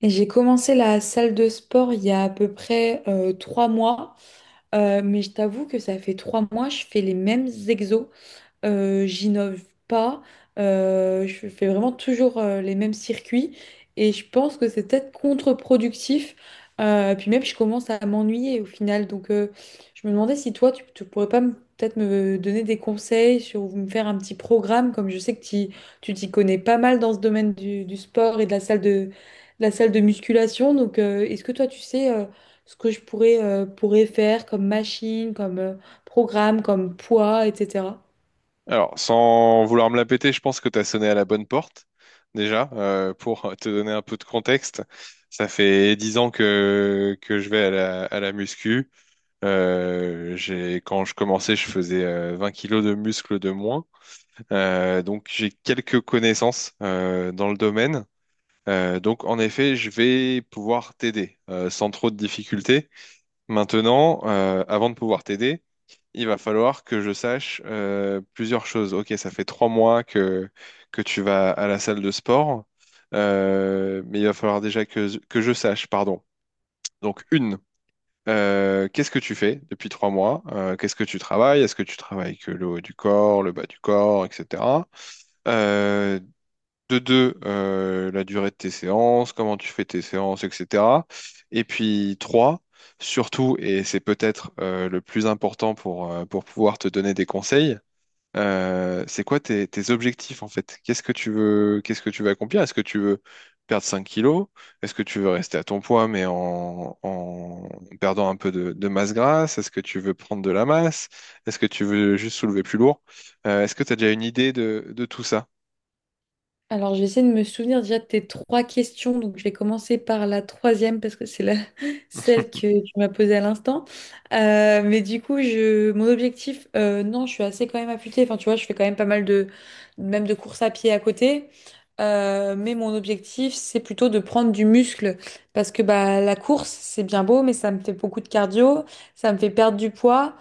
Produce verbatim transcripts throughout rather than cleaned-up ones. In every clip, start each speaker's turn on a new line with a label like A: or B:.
A: Et j'ai commencé la salle de sport il y a à peu près euh, trois mois. Euh, mais je t'avoue que ça fait trois mois, je fais les mêmes exos, euh, j'innove pas, euh, je fais vraiment toujours euh, les mêmes circuits, et je pense que c'est peut-être contre-productif. Euh, puis même, je commence à m'ennuyer au final. Donc, euh, je me demandais si toi, tu, tu pourrais pas me- peut-être me donner des conseils, sur ou me faire un petit programme, comme je sais que t'y- tu t'y connais pas mal dans ce domaine du, du sport et de la salle de, de, la salle de musculation. Donc, euh, est-ce que toi, tu sais euh, ce que je pourrais, euh, pourrais faire comme machine, comme euh, programme, comme poids, et cetera.
B: Alors, sans vouloir me la péter, je pense que tu as sonné à la bonne porte, déjà, euh, pour te donner un peu de contexte. Ça fait dix ans que, que je vais à la, à la muscu. Euh, j'ai, quand je commençais, je faisais euh, vingt kilos de muscles de moins. Euh, donc, j'ai quelques connaissances euh, dans le domaine. Euh, donc, en effet, je vais pouvoir t'aider euh, sans trop de difficultés. Maintenant, euh, avant de pouvoir t'aider, il va falloir que je sache euh, plusieurs choses. Ok, ça fait trois mois que, que tu vas à la salle de sport, euh, mais il va falloir déjà que, que je sache, pardon. Donc, une, euh, qu'est-ce que tu fais depuis trois mois? Euh, qu'est-ce que tu travailles? Est-ce que tu travailles que le haut du corps, le bas du corps, et cetera. Euh, de deux, euh, la durée de tes séances, comment tu fais tes séances, et cetera. Et puis trois, surtout, et c'est peut-être euh, le plus important pour, euh, pour pouvoir te donner des conseils, euh, c'est quoi tes, tes objectifs en fait? Qu'est-ce que tu veux, qu'est-ce que tu veux accomplir? Est-ce que tu veux perdre cinq kilos? Est-ce que tu veux rester à ton poids mais en, en perdant un peu de, de masse grasse? Est-ce que tu veux prendre de la masse? Est-ce que tu veux juste soulever plus lourd? Euh, est-ce que tu as déjà une idée de, de tout ça?
A: Alors, je vais essayer de me souvenir déjà de tes trois questions. Donc, je vais commencer par la troisième parce que c'est la... celle que tu m'as posée à l'instant. Euh, mais du coup, je... mon objectif, euh, non, je suis assez quand même affûtée. Enfin, tu vois, je fais quand même pas mal de, même de courses à pied à côté. Euh, mais mon objectif, c'est plutôt de prendre du muscle, parce que bah, la course, c'est bien beau, mais ça me fait beaucoup de cardio, ça me fait perdre du poids.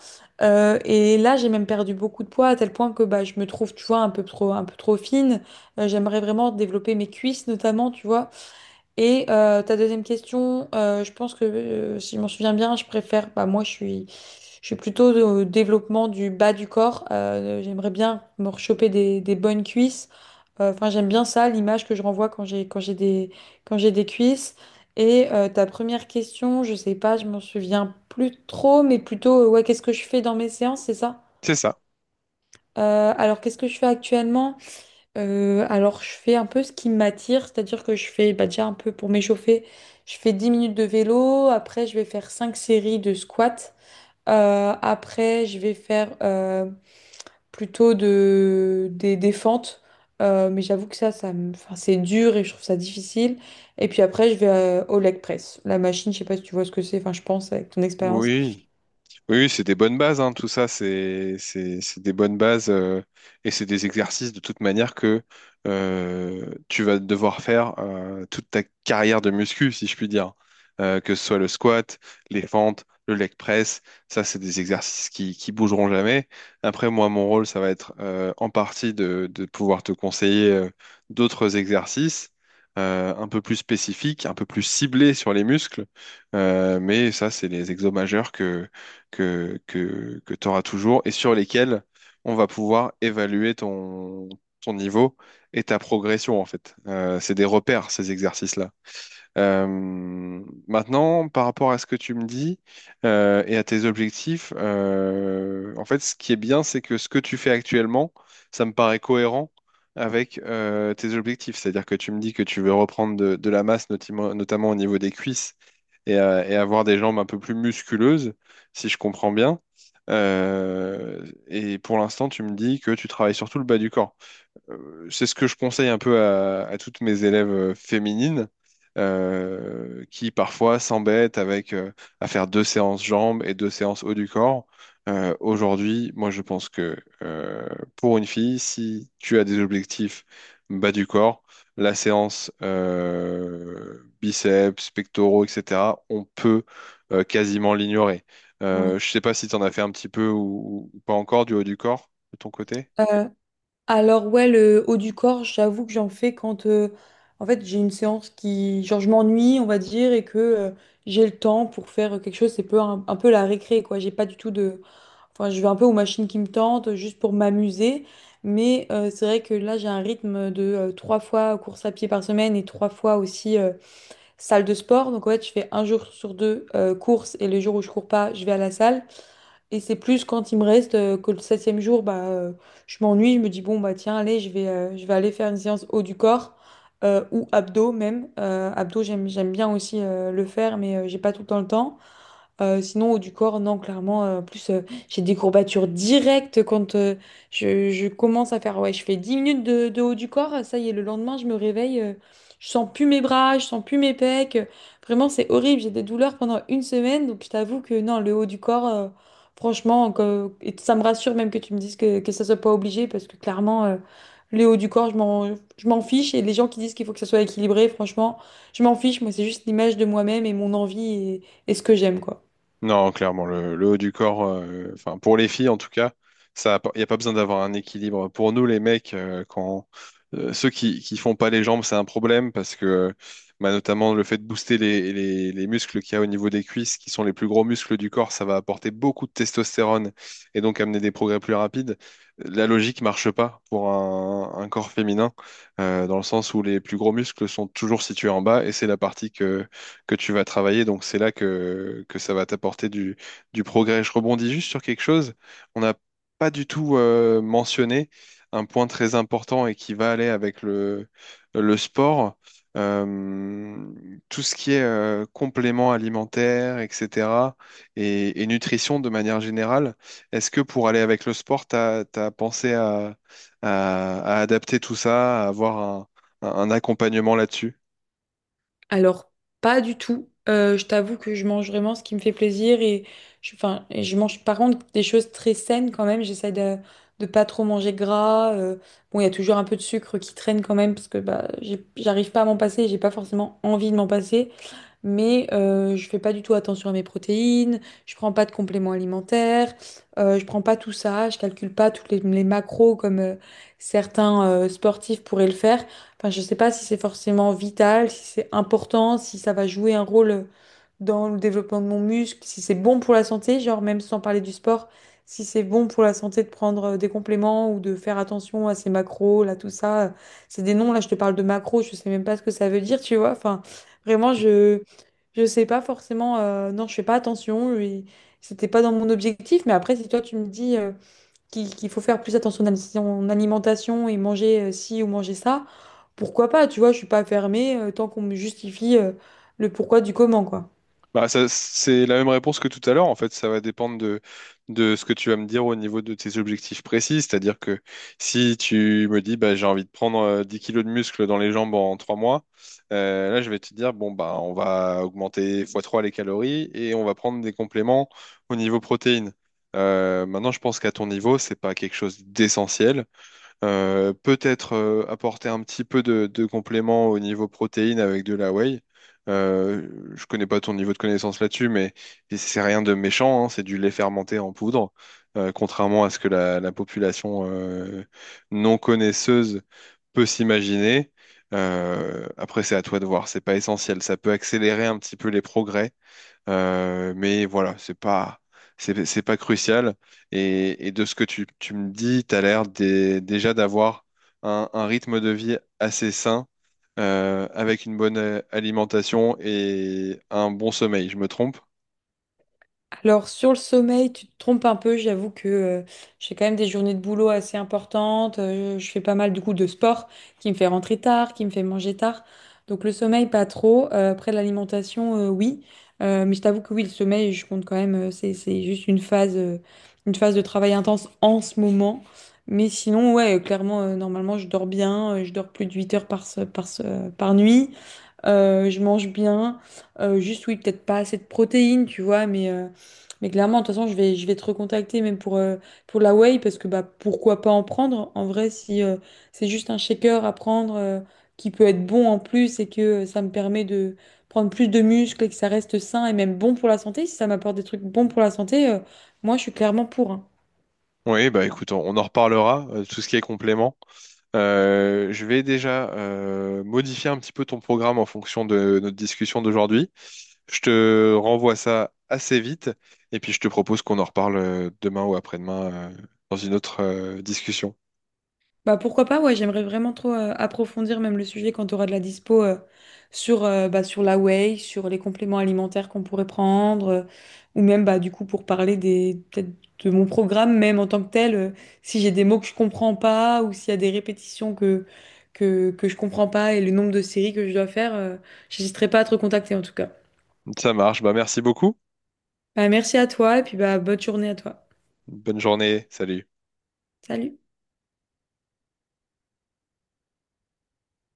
A: Euh, et là, j'ai même perdu beaucoup de poids, à tel point que bah, je me trouve, tu vois, un peu trop, un peu trop fine. Euh, j'aimerais vraiment développer mes cuisses notamment, tu vois. Et euh, ta deuxième question, euh, je pense que euh, si je m'en souviens bien, je préfère, bah moi je suis, je suis plutôt au développement du bas du corps. Euh, j'aimerais bien me rechoper des, des bonnes cuisses. Euh, Enfin, j'aime bien ça, l'image que je renvoie quand j'ai quand j'ai des quand j'ai des cuisses. Et euh, ta première question, je sais pas, je m'en souviens plus trop, mais plutôt, euh, ouais, qu'est-ce que je fais dans mes séances, c'est ça?
B: C'est ça.
A: Euh, alors, qu'est-ce que je fais actuellement? Euh, alors, je fais un peu ce qui m'attire, c'est-à-dire que je fais bah, déjà un peu pour m'échauffer, je fais dix minutes de vélo, après je vais faire cinq séries de squats. Euh, après je vais faire euh, plutôt de, des, des fentes. Euh, mais j'avoue que ça, ça me- enfin, c'est dur et je trouve ça difficile. Et puis après, je vais euh, au leg press, la machine, je sais pas si tu vois ce que c'est, enfin, je pense avec ton expérience.
B: Oui, oui, oui, c'est des bonnes bases, hein, tout ça, c'est c'est- c'est des bonnes bases euh, et c'est des exercices de toute manière que euh, tu vas devoir faire euh, toute ta carrière de muscu, si je puis dire. Euh, que ce soit le squat, les fentes, le leg press, ça, c'est des exercices qui, qui bougeront jamais. Après, moi, mon rôle, ça va être euh, en partie de, de pouvoir te conseiller euh, d'autres exercices euh, un peu plus spécifiques, un peu plus ciblés sur les muscles. Euh, mais ça, c'est les exos majeurs que, que, que tu auras toujours et sur lesquels on va pouvoir évaluer ton, ton niveau et ta progression en fait. Euh, c'est des repères, ces exercices-là. Euh, maintenant, par rapport à ce que tu me dis euh, et à tes objectifs, euh, en fait, ce qui est bien, c'est que ce que tu fais actuellement, ça me paraît cohérent avec euh, tes objectifs. C'est-à-dire que tu me dis que tu veux reprendre de, de la masse, notamment, notamment au niveau des cuisses, et, euh, et avoir des jambes un peu plus musculeuses, si je comprends bien. Euh, et pour l'instant, tu me dis que tu travailles surtout le bas du corps. Euh, c'est ce que je conseille un peu à, à toutes mes élèves euh, féminines euh, qui parfois s'embêtent avec euh, à faire deux séances jambes et deux séances haut du corps. Euh, aujourd'hui, moi je pense que euh, pour une fille, si tu as des objectifs bas du corps, la séance euh, biceps, pectoraux, et cetera, on peut euh, quasiment l'ignorer. Euh,
A: Ouais.
B: je sais pas si tu en as fait un petit peu ou, ou pas encore du haut du corps de ton côté.
A: Alors ouais, le haut du corps, j'avoue que j'en fais quand euh, en fait j'ai une séance qui genre je m'ennuie, on va dire, et que euh, j'ai le temps pour faire quelque chose, c'est peu un, un peu la récré quoi. J'ai pas du tout de, enfin, je vais un peu aux machines qui me tentent juste pour m'amuser. Mais euh, c'est vrai que là j'ai un rythme de euh, trois fois course à pied par semaine et trois fois aussi euh, salle de sport. Donc en fait, je fais un jour sur deux euh, course, et les jours où je cours pas, je vais à la salle. Et c'est plus quand il me reste euh, que le septième jour, bah, euh, je m'ennuie, je me dis, bon, bah tiens, allez, je vais, euh, je vais aller faire une séance haut du corps, euh, ou abdos même. Euh, abdos, j'aime, j'aime bien aussi euh, le faire, mais euh, j'ai pas tout le temps le temps. Euh, sinon, haut du corps, non, clairement. euh, en plus, euh, j'ai des courbatures directes quand euh, je, je commence à faire. Ouais, je fais dix minutes de, de haut du corps. euh, Ça y est, le lendemain, je me réveille. euh, je sens plus mes bras, je sens plus mes pecs. euh, Vraiment, c'est horrible. J'ai des douleurs pendant une semaine. Donc, je t'avoue que non, le haut du corps, euh, franchement, que- et ça me rassure même que tu me dises que, que ça soit pas obligé, parce que clairement, euh, le haut du corps, je m'en, je m'en fiche. Et les gens qui disent qu'il faut que ça soit équilibré, franchement, je m'en fiche. Moi, c'est juste l'image de moi-même et mon envie, et et ce que j'aime, quoi.
B: Non, clairement, le, le haut du corps, euh, enfin pour les filles en tout cas, ça, il n'y a pas besoin d'avoir un équilibre. Pour nous, les mecs, euh, quand euh, ceux qui, qui font pas les jambes, c'est un problème parce que euh, bah, notamment le fait de booster les, les, les muscles qu'il y a au niveau des cuisses, qui sont les plus gros muscles du corps, ça va apporter beaucoup de testostérone et donc amener des progrès plus rapides. La logique marche pas pour un, un corps féminin, euh, dans le sens où les plus gros muscles sont toujours situés en bas et c'est la partie que que tu vas travailler. Donc c'est là que, que ça va t'apporter du, du progrès. Je rebondis juste sur quelque chose. On n'a pas du tout euh, mentionné un point très important et qui va aller avec le, le sport. Euh, Tout ce qui est euh, compléments alimentaires, et cetera, et, et nutrition de manière générale. Est-ce que pour aller avec le sport, tu as pensé à, à- à adapter tout ça, à avoir un, un un accompagnement là-dessus?
A: Alors, pas du tout. Euh, je t'avoue que je mange vraiment ce qui me fait plaisir, et je, enfin, et je mange par contre des choses très saines quand même. J'essaie de, de pas trop manger gras. euh, bon, il y a toujours un peu de sucre qui traîne quand même, parce que bah, j'ai- j'arrive pas à m'en passer, j'ai pas forcément envie de m'en passer. Mais euh, je fais pas du tout attention à mes protéines, je prends pas de compléments alimentaires, euh, je prends pas tout ça, je calcule pas toutes les, les macros comme euh, certains euh, sportifs pourraient le faire. Enfin, je sais pas si c'est forcément vital, si c'est important, si ça va jouer un rôle dans le développement de mon muscle, si c'est bon pour la santé, genre même sans parler du sport, si c'est bon pour la santé de prendre euh, des compléments ou de faire attention à ses macros, là, tout ça. C'est des noms, là, je te parle de macros, je sais même pas ce que ça veut dire, tu vois. Enfin, vraiment, je je sais pas forcément, euh, non, je fais pas attention, et c'était pas dans mon objectif, mais après, si toi tu me dis euh, qu'il qu'il faut faire plus attention à son alimentation et manger euh, ci ou manger ça, pourquoi pas, tu vois, je suis pas fermée euh, tant qu'on me justifie euh, le pourquoi du comment, quoi.
B: Bah, ça, c'est la même réponse que tout à l'heure. En fait, ça va dépendre de, de ce que tu vas me dire au niveau de tes objectifs précis. C'est-à-dire que si tu me dis, bah, j'ai envie de prendre euh, dix kilos de muscles dans les jambes en trois mois, euh, là, je vais te dire, bon, bah, on va augmenter x trois les calories et on va prendre des compléments au niveau protéines. Euh, maintenant, je pense qu'à ton niveau, c'est pas quelque chose d'essentiel. Euh, peut-être euh, apporter un petit peu de, de complément au niveau protéines avec de la whey. Euh, je connais pas ton niveau de connaissance là-dessus, mais c'est rien de méchant, hein, c'est du lait fermenté en poudre, euh, contrairement à ce que la, la population euh, non connaisseuse peut s'imaginer. Euh, après, c'est à toi de voir, c'est pas essentiel. Ça peut accélérer un petit peu les progrès euh, mais voilà, c'est pas, c'est, c'est pas crucial. Et, et de ce que tu, tu me dis, tu as l'air dé- déjà d'avoir un, un rythme de vie assez sain, euh, avec une bonne euh, alimentation et un bon sommeil. Je me trompe?
A: Alors sur le sommeil, tu te trompes un peu, j'avoue que euh, j'ai quand même des journées de boulot assez importantes, euh, je fais pas mal du coup de sport qui me fait rentrer tard, qui me fait manger tard. Donc le sommeil pas trop. Euh, après l'alimentation, euh, oui. Euh, mais je t'avoue que oui, le sommeil je compte quand même, euh, c'est, c'est juste une phase, euh, une phase de travail intense en ce moment. Mais sinon ouais, euh, clairement, euh, normalement je dors bien, euh, je dors plus de huit heures par, se- par, se- par nuit. Euh, je mange bien. Euh, juste, oui, peut-être pas assez de protéines, tu vois, mais, euh, mais clairement, de toute façon, je vais, je vais te recontacter même pour, euh, pour la whey, parce que bah, pourquoi pas en prendre? En vrai, si euh, c'est juste un shaker à prendre, euh, qui peut être bon en plus, et que euh, ça me permet de prendre plus de muscles, et que ça reste sain et même bon pour la santé, si ça m'apporte des trucs bons pour la santé, euh, moi, je suis clairement pour. hein.
B: Oui, bah écoute, on, on en reparlera, euh, tout ce qui est complément. Euh, je vais déjà euh, modifier un petit peu ton programme en fonction de notre discussion d'aujourd'hui. Je te renvoie ça assez vite et puis je te propose qu'on en reparle euh, demain ou après-demain euh, dans une autre euh, discussion.
A: Bah pourquoi pas, ouais, j'aimerais vraiment trop euh, approfondir même le sujet quand tu auras de la dispo, euh, sur, euh, bah, sur la whey, sur les compléments alimentaires qu'on pourrait prendre, euh, ou même bah du coup pour parler des peut-être de mon programme même en tant que tel, euh, si j'ai des mots que je comprends pas, ou s'il y a des répétitions que, que, que je comprends pas, et le nombre de séries que je dois faire, euh, j'hésiterai pas à te recontacter en tout cas.
B: Ça marche, bah merci beaucoup.
A: Bah, merci à toi, et puis bah bonne journée à toi.
B: Bonne journée, salut.
A: Salut!